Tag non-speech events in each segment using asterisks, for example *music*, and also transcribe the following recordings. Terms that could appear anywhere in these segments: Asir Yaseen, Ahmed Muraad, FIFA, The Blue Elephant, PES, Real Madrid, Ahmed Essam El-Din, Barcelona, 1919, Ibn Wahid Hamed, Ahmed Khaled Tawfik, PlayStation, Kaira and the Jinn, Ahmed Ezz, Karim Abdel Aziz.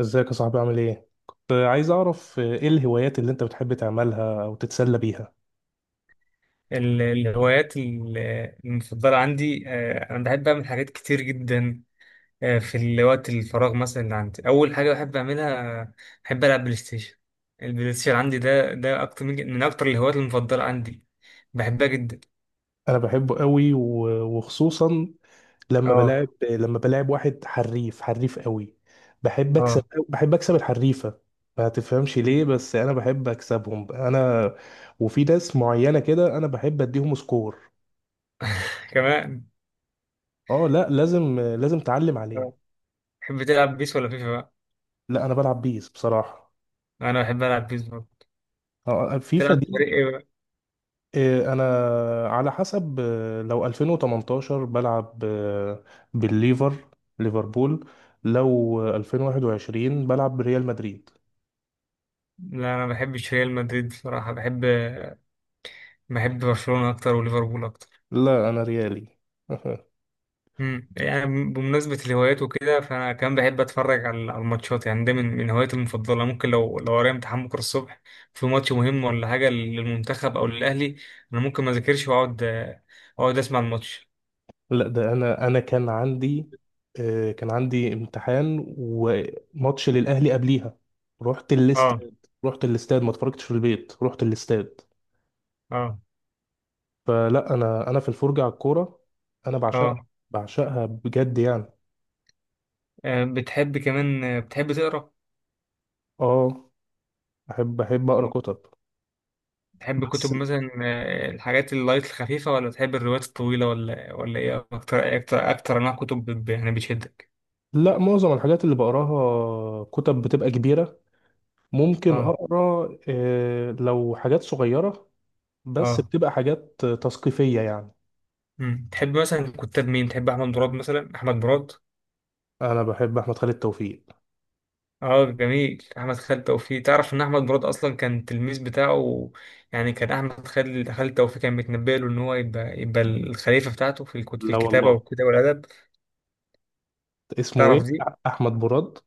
ازيك يا صاحبي عامل ايه؟ كنت عايز اعرف ايه الهوايات اللي انت بتحب تعملها او تتسلى بيها. الهوايات المفضلة عندي، أنا بحب أعمل حاجات كتير جدا. في الوقت الفراغ مثلا اللي عندي أول حاجة بحب أعملها، بحب ألعب بلاي ستيشن. البلاي ستيشن عندي ده أكتر من أكتر الهوايات المفضلة عندي، بحبها جدا. انا بحبه قوي وخصوصا لما بلاعب أه، لما بلاعب واحد حريف حريف قوي. بحب اكسب أه، بحب اكسب الحريفة، ما تفهمش ليه، بس انا بحب اكسبهم انا. وفي ناس معينة كده انا بحب اديهم سكور. *laughs* كمان. اه، لا، لازم اتعلم عليه. آه. تحب تلعب بيس ولا فيفا بقى؟ لا، انا بلعب بيس بصراحة. أنا بحب ألعب بيس برضه. اه، فيفا تلعب دي. بفريق إيه بقى؟ إيه، انا على حسب، لو 2018 بلعب بالليفر، ليفربول. لو 2021 بلعب بريال مدريد. لا أنا ما بحبش ريال مدريد بصراحة، بحب برشلونة أكتر وليفربول أكتر. لا، انا ريالي. *laughs* مم. يعني بمناسبة الهوايات وكده، فأنا كمان بحب أتفرج على الماتشات، يعني ده من هواياتي المفضلة. ممكن لو ورايا امتحان بكرة الصبح، في ماتش مهم ولا حاجة للمنتخب أو للأهلي، أنا ممكن ما أذاكرش أقعد أسمع الماتش. لا ده انا كان عندي، كان عندي امتحان وماتش للاهلي قبليها. رحت أه، الاستاد. رحت الاستاد، ما اتفرجتش في البيت، رحت الاستاد. أه، فلا انا في الفرجة على الكورة، انا بعشقها، أه، بعشقها بجد يعني. بتحب كمان، بتحب تقرا؟ اه، احب اقرا كتب. بتحب كتب بس مثلا، الحاجات اللايت الخفيفة، ولا بتحب الروايات الطويلة، ولا إيه؟ أكتر أنواع كتب يعني بتشدك؟ لا، معظم الحاجات اللي بقراها كتب بتبقى كبيرة. ممكن أه، أقرأ، لو حاجات صغيرة، بس أه، بتبقى حاجات تثقيفية يعني. مم. تحب مثلا كتاب مين؟ تحب احمد مراد مثلا؟ احمد مراد، أنا بحب أحمد خالد توفيق. اه، جميل. احمد خالد توفيق، تعرف ان احمد مراد اصلا كان التلميذ بتاعه؟ يعني كان احمد خالد توفيق كان متنبأ له ان هو يبقى الخليفه بتاعته في في لا الكتابه والله، والكتابه والادب. اسمه تعرف إيه؟ دي؟ أحمد براد؟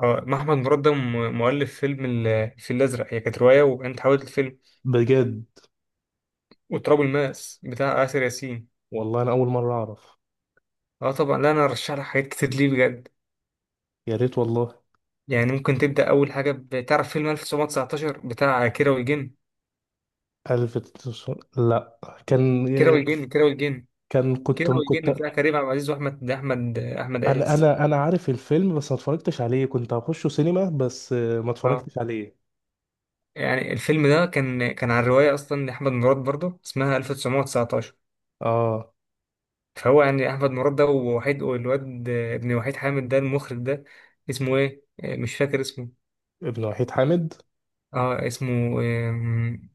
اه، ما احمد مراد ده مؤلف فيلم الفيل الازرق، هي كانت روايه وانت حاولت الفيلم، بجد؟ وتراب الماس بتاع آسر ياسين. والله أنا أول مرة أعرف. اه، طبعا. لا انا ارشح لك حاجات كتير، ليه؟ بجد، يا ريت والله. يعني ممكن تبدا اول حاجه بتعرف، فيلم 1919 بتاع لا، كان، كيرة والجن كيرة والجن كيرة كنت والجن بتاع كريم عبد العزيز واحمد احمد احمد عز. أنا عارف الفيلم، بس ما اتفرجتش عليه. كنت هخشه سينما، بس ما اه، اتفرجتش عليه. يعني الفيلم ده كان عن روايه اصلا لاحمد مراد برضه، اسمها 1919. آه، فهو يعني احمد مراد ده ووحيد، والواد ابن وحيد حامد ده المخرج ده اسمه ايه؟ مش فاكر اسمه. ابن وحيد حامد. اه، اسمه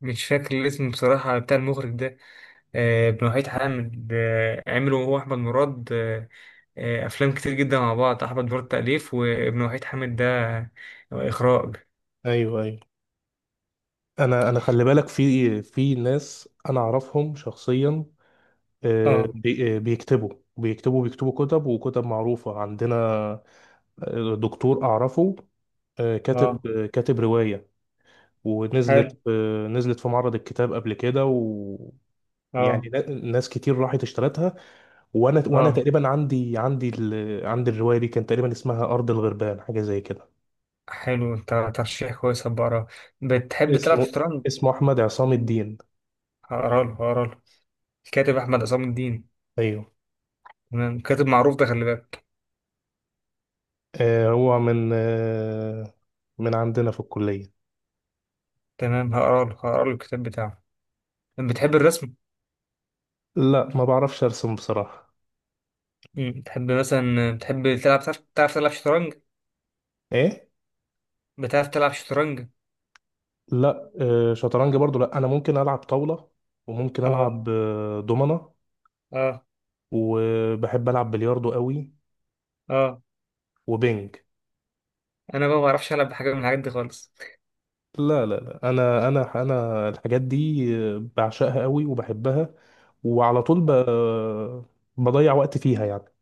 مش فاكر الاسم بصراحه بتاع المخرج ده. ابن وحيد حامد، عملوا هو احمد مراد، افلام كتير جدا مع بعض. احمد مراد تاليف، وابن وحيد حامد ده اخراج. ايوه ايوه. انا خلي بالك، في ناس انا اعرفهم شخصيا، اه، بيكتبوا، بيكتبوا كتب، وكتب معروفة عندنا. دكتور اعرفه، اه، كاتب رواية. حلو. ونزلت، نزلت في معرض الكتاب قبل كده، و، اه، يعني ناس كتير راحت اشترتها. وانا اه، تقريبا عندي ال... عندي الرواية دي، كان تقريبا اسمها ارض الغربان، حاجة زي كده. حلو. انت ترشيح كويس، هبقى اقراه. بتحب تلعب اسمه شطرنج؟ اسمه احمد عصام الدين. هقرا له الكاتب احمد عصام الدين. ايوه. تمام، كاتب معروف ده، خلي بالك. هو من عندنا في الكلية. تمام، هقرا له الكتاب بتاعه. بتحب الرسم؟ لا، ما بعرفش ارسم بصراحة. مم. بتحب تلعب، تعرف تلعب شطرنج؟ ايه؟ بتعرف تلعب شطرنج؟ لا، شطرنج برضو لا. انا ممكن العب طاولة، وممكن اه، العب دومنة، اه، وبحب العب بلياردو قوي، اه، وبينج. انا بقى ما بعرفش العب بحاجه من الحاجات دي خالص. لا، انا الحاجات دي، بعشقها قوي وبحبها، وعلى طول ب... بضيع وقت فيها يعني.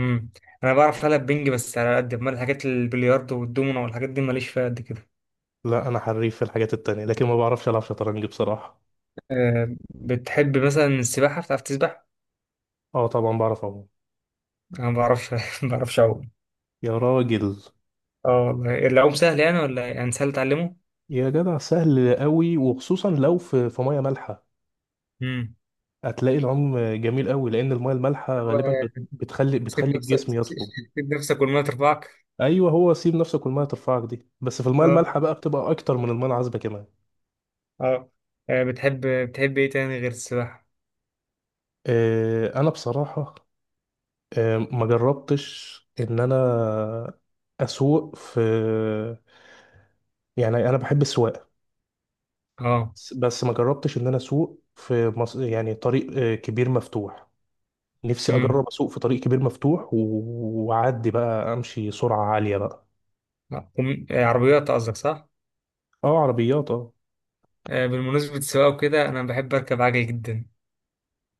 امم انا بعرف العب بينج بس، على قد ما الحاجات البلياردو والدومينو والحاجات دي ماليش فيها قد كده. لا، انا حريف في الحاجات التانية، لكن ما بعرفش العب شطرنج بصراحة. أه، بتحب مثلا السباحه؟ بتعرف تسبح؟ اه طبعا بعرف اهو. انا ما بعرفش *laughs* ما بعرفش اعوم. يا راجل! اه، والله العوم سهل يعني ولا إيه؟ يعني سهل تعلمه. يا جدع سهل قوي، وخصوصا لو في ميه مالحه، امم هتلاقي العوم جميل قوي، لان الميه المالحه هو غالبا بتخلي، سيب بتخلي نفسك الجسم يطفو. *laughs* سيب نفسك والميه ترفعك. ايوه، هو سيب نفسك والميه ترفعك دي، بس في الميه اه، المالحه بقى، بتبقى اكتر من الميه العذبه كمان. اه، بتحب ايه تاني غير السباحه؟ آه، انا بصراحه آه، ما جربتش ان انا اسوق في، يعني انا بحب السواقه، اه، بس ما جربتش ان انا اسوق في مص... يعني طريق كبير مفتوح. نفسي امم اجرب اسوق في طريق كبير مفتوح واعدي بقى، امشي سرعه عاليه بقى. عربيات قصدك، صح؟ اه، عربيات، اه. بالمناسبه السواقه وكده، انا بحب اركب عجل جدا.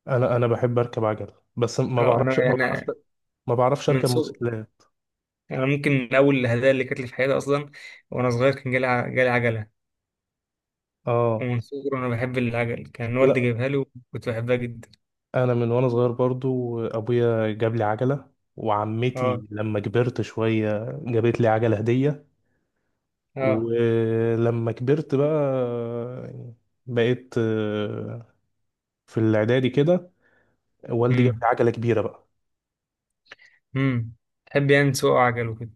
انا بحب اركب عجل، بس ما اه، انا بعرفش ما بعرفش يعني ما بعرفش من اركب صغر موتوسيكلات. انا ممكن من اول الهدايا اللي كانت لي في حياتي اصلا، وانا صغير كان جالي جالي عجله، اه ومن صغري وانا بحب العجل، كان والدي لا، جايبها لي وكنت بحبها جدا. انا من وانا صغير برضو ابويا جاب لي عجله، اه، وعمتي لما كبرت شويه جابت لي عجله هديه. اه، ولما كبرت بقى، بقيت في الاعدادي كده والدي جاب لي امم عجله كبيره بقى. امم تحب يعني تسوق عجل وكده؟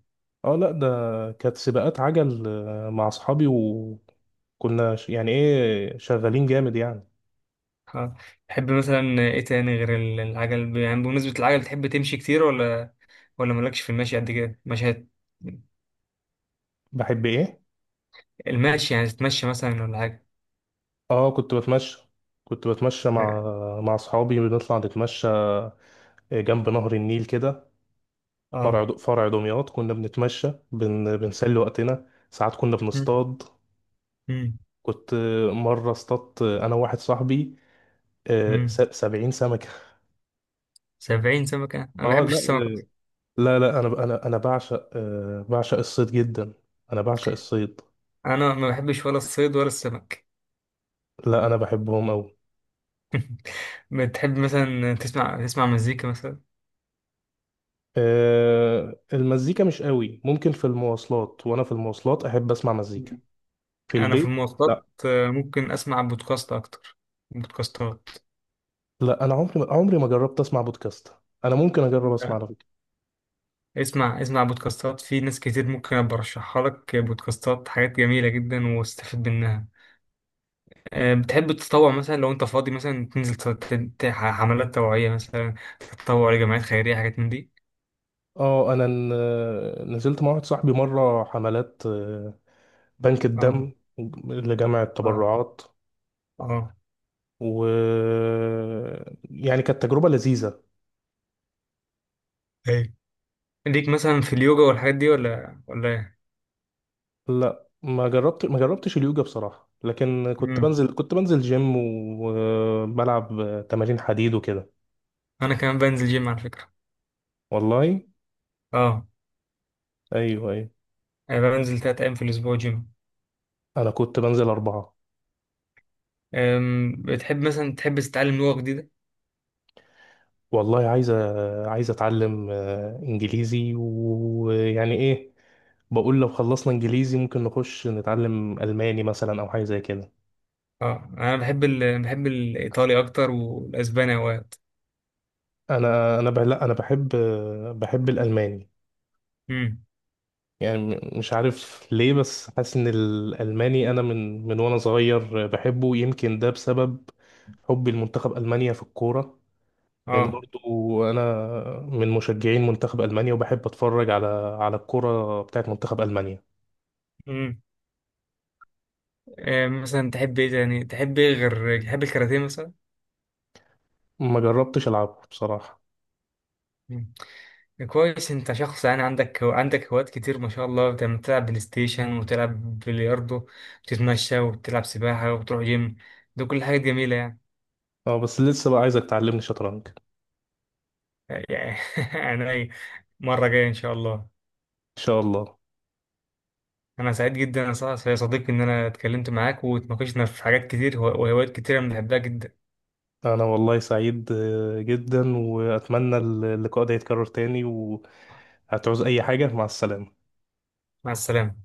اه لا ده كانت سباقات عجل مع اصحابي، وكنا يعني ايه، شغالين جامد يعني. اه، تحب مثلا ايه تاني غير العجل؟ يعني بمناسبة العجل، تحب تمشي كتير، ولا مالكش في المشي قد كده؟ مشي بحب ايه؟ المشي، يعني تتمشى مثلا ولا حاجة؟ اه، كنت بتمشى مع، مع اصحابي. بنطلع نتمشى جنب نهر النيل كده، اه، فرع دمياط، كنا بنتمشى بن... بنسلي وقتنا. ساعات كنا امم بنصطاد. امم كنت مرة اصطادت انا واحد صاحبي، امم 70 سمكة. 70 سمكة؟ انا *laughs* ما اه بحبش لا، السمك أصلاً. انا بعشق، بعشق الصيد جدا، انا بعشق الصيد. انا ما بحبش ولا الصيد ولا السمك. لا، انا بحبهم قوي. *laughs* بتحب مثلا تسمع مزيكا مثلا؟ أه، المزيكا مش قوي، ممكن في المواصلات، وانا في المواصلات احب اسمع مزيكا. مم. في انا في البيت المواصلات لا. ممكن اسمع بودكاست اكتر. بودكاستات، لا، انا عمري ما جربت اسمع بودكاست. انا ممكن اجرب اسمع على فكره. اسمع بودكاستات، في ناس كتير ممكن أبقى ارشحها لك، بودكاستات حاجات جميلة جدا واستفيد منها. بتحب تتطوع مثلا، لو انت فاضي مثلا تنزل حملات توعية مثلا، تتطوع لجمعيات خيرية، حاجات من دي؟ اه، انا نزلت مع واحد صاحبي مره حملات، بنك اه، الدم، لجمع اه، التبرعات. اه، و، يعني كانت تجربه لذيذه. ايه ليك مثلا في اليوجا والحاجات دي، ولا ايه؟ لا، ما جربتش اليوجا بصراحه، لكن مم. كنت بنزل جيم، وبلعب تمارين حديد وكده. انا كمان بنزل جيم على فكرة. والله؟ اه، ايوه ايوه. انا بنزل تلات ايام في الاسبوع جيم. انا كنت بنزل اربعه. بتحب مثلا تحب تتعلم لغة جديدة؟ والله عايز عايز اتعلم انجليزي، ويعني ايه، بقول لو خلصنا انجليزي ممكن نخش نتعلم الماني مثلا، او حاجه زي كده. اه، انا بحب بحب الايطالي اكتر والاسباني اوقات. انا انا بح- لا انا بحب بحب الالماني. مم. يعني مش عارف ليه، بس حاسس ان الالماني انا من وانا صغير بحبه. يمكن ده بسبب حبي لمنتخب المانيا في الكوره، لان اه، برضو انا من مشجعين منتخب المانيا، وبحب اتفرج على، على الكرة بتاعت منتخب المانيا. امم مثلا تحب ايه غير تحب الكاراتيه مثلا؟ ما جربتش العبها بصراحة. مم. كويس، انت شخص يعني عندك هوايات كتير ما شاء الله، بتلعب بلاي ستيشن، وتلعب بلياردو، وتتمشى، وبتلعب سباحة، وبتروح جيم، ده كل حاجات جميلة يعني. اه، بس لسه بقى عايزك تعلمني شطرنج ان يعني *laughs* يعني أي مرة جاية ان شاء الله. شاء الله. انا سعيد جدا يا يا صديقي ان انا اتكلمت معاك واتناقشنا في حاجات كتير وهوايات كتيرة بنحبها جدا. انا والله سعيد جدا، واتمنى اللقاء ده يتكرر تاني. وهتعوز اي حاجة. مع السلامة. مع السلامة.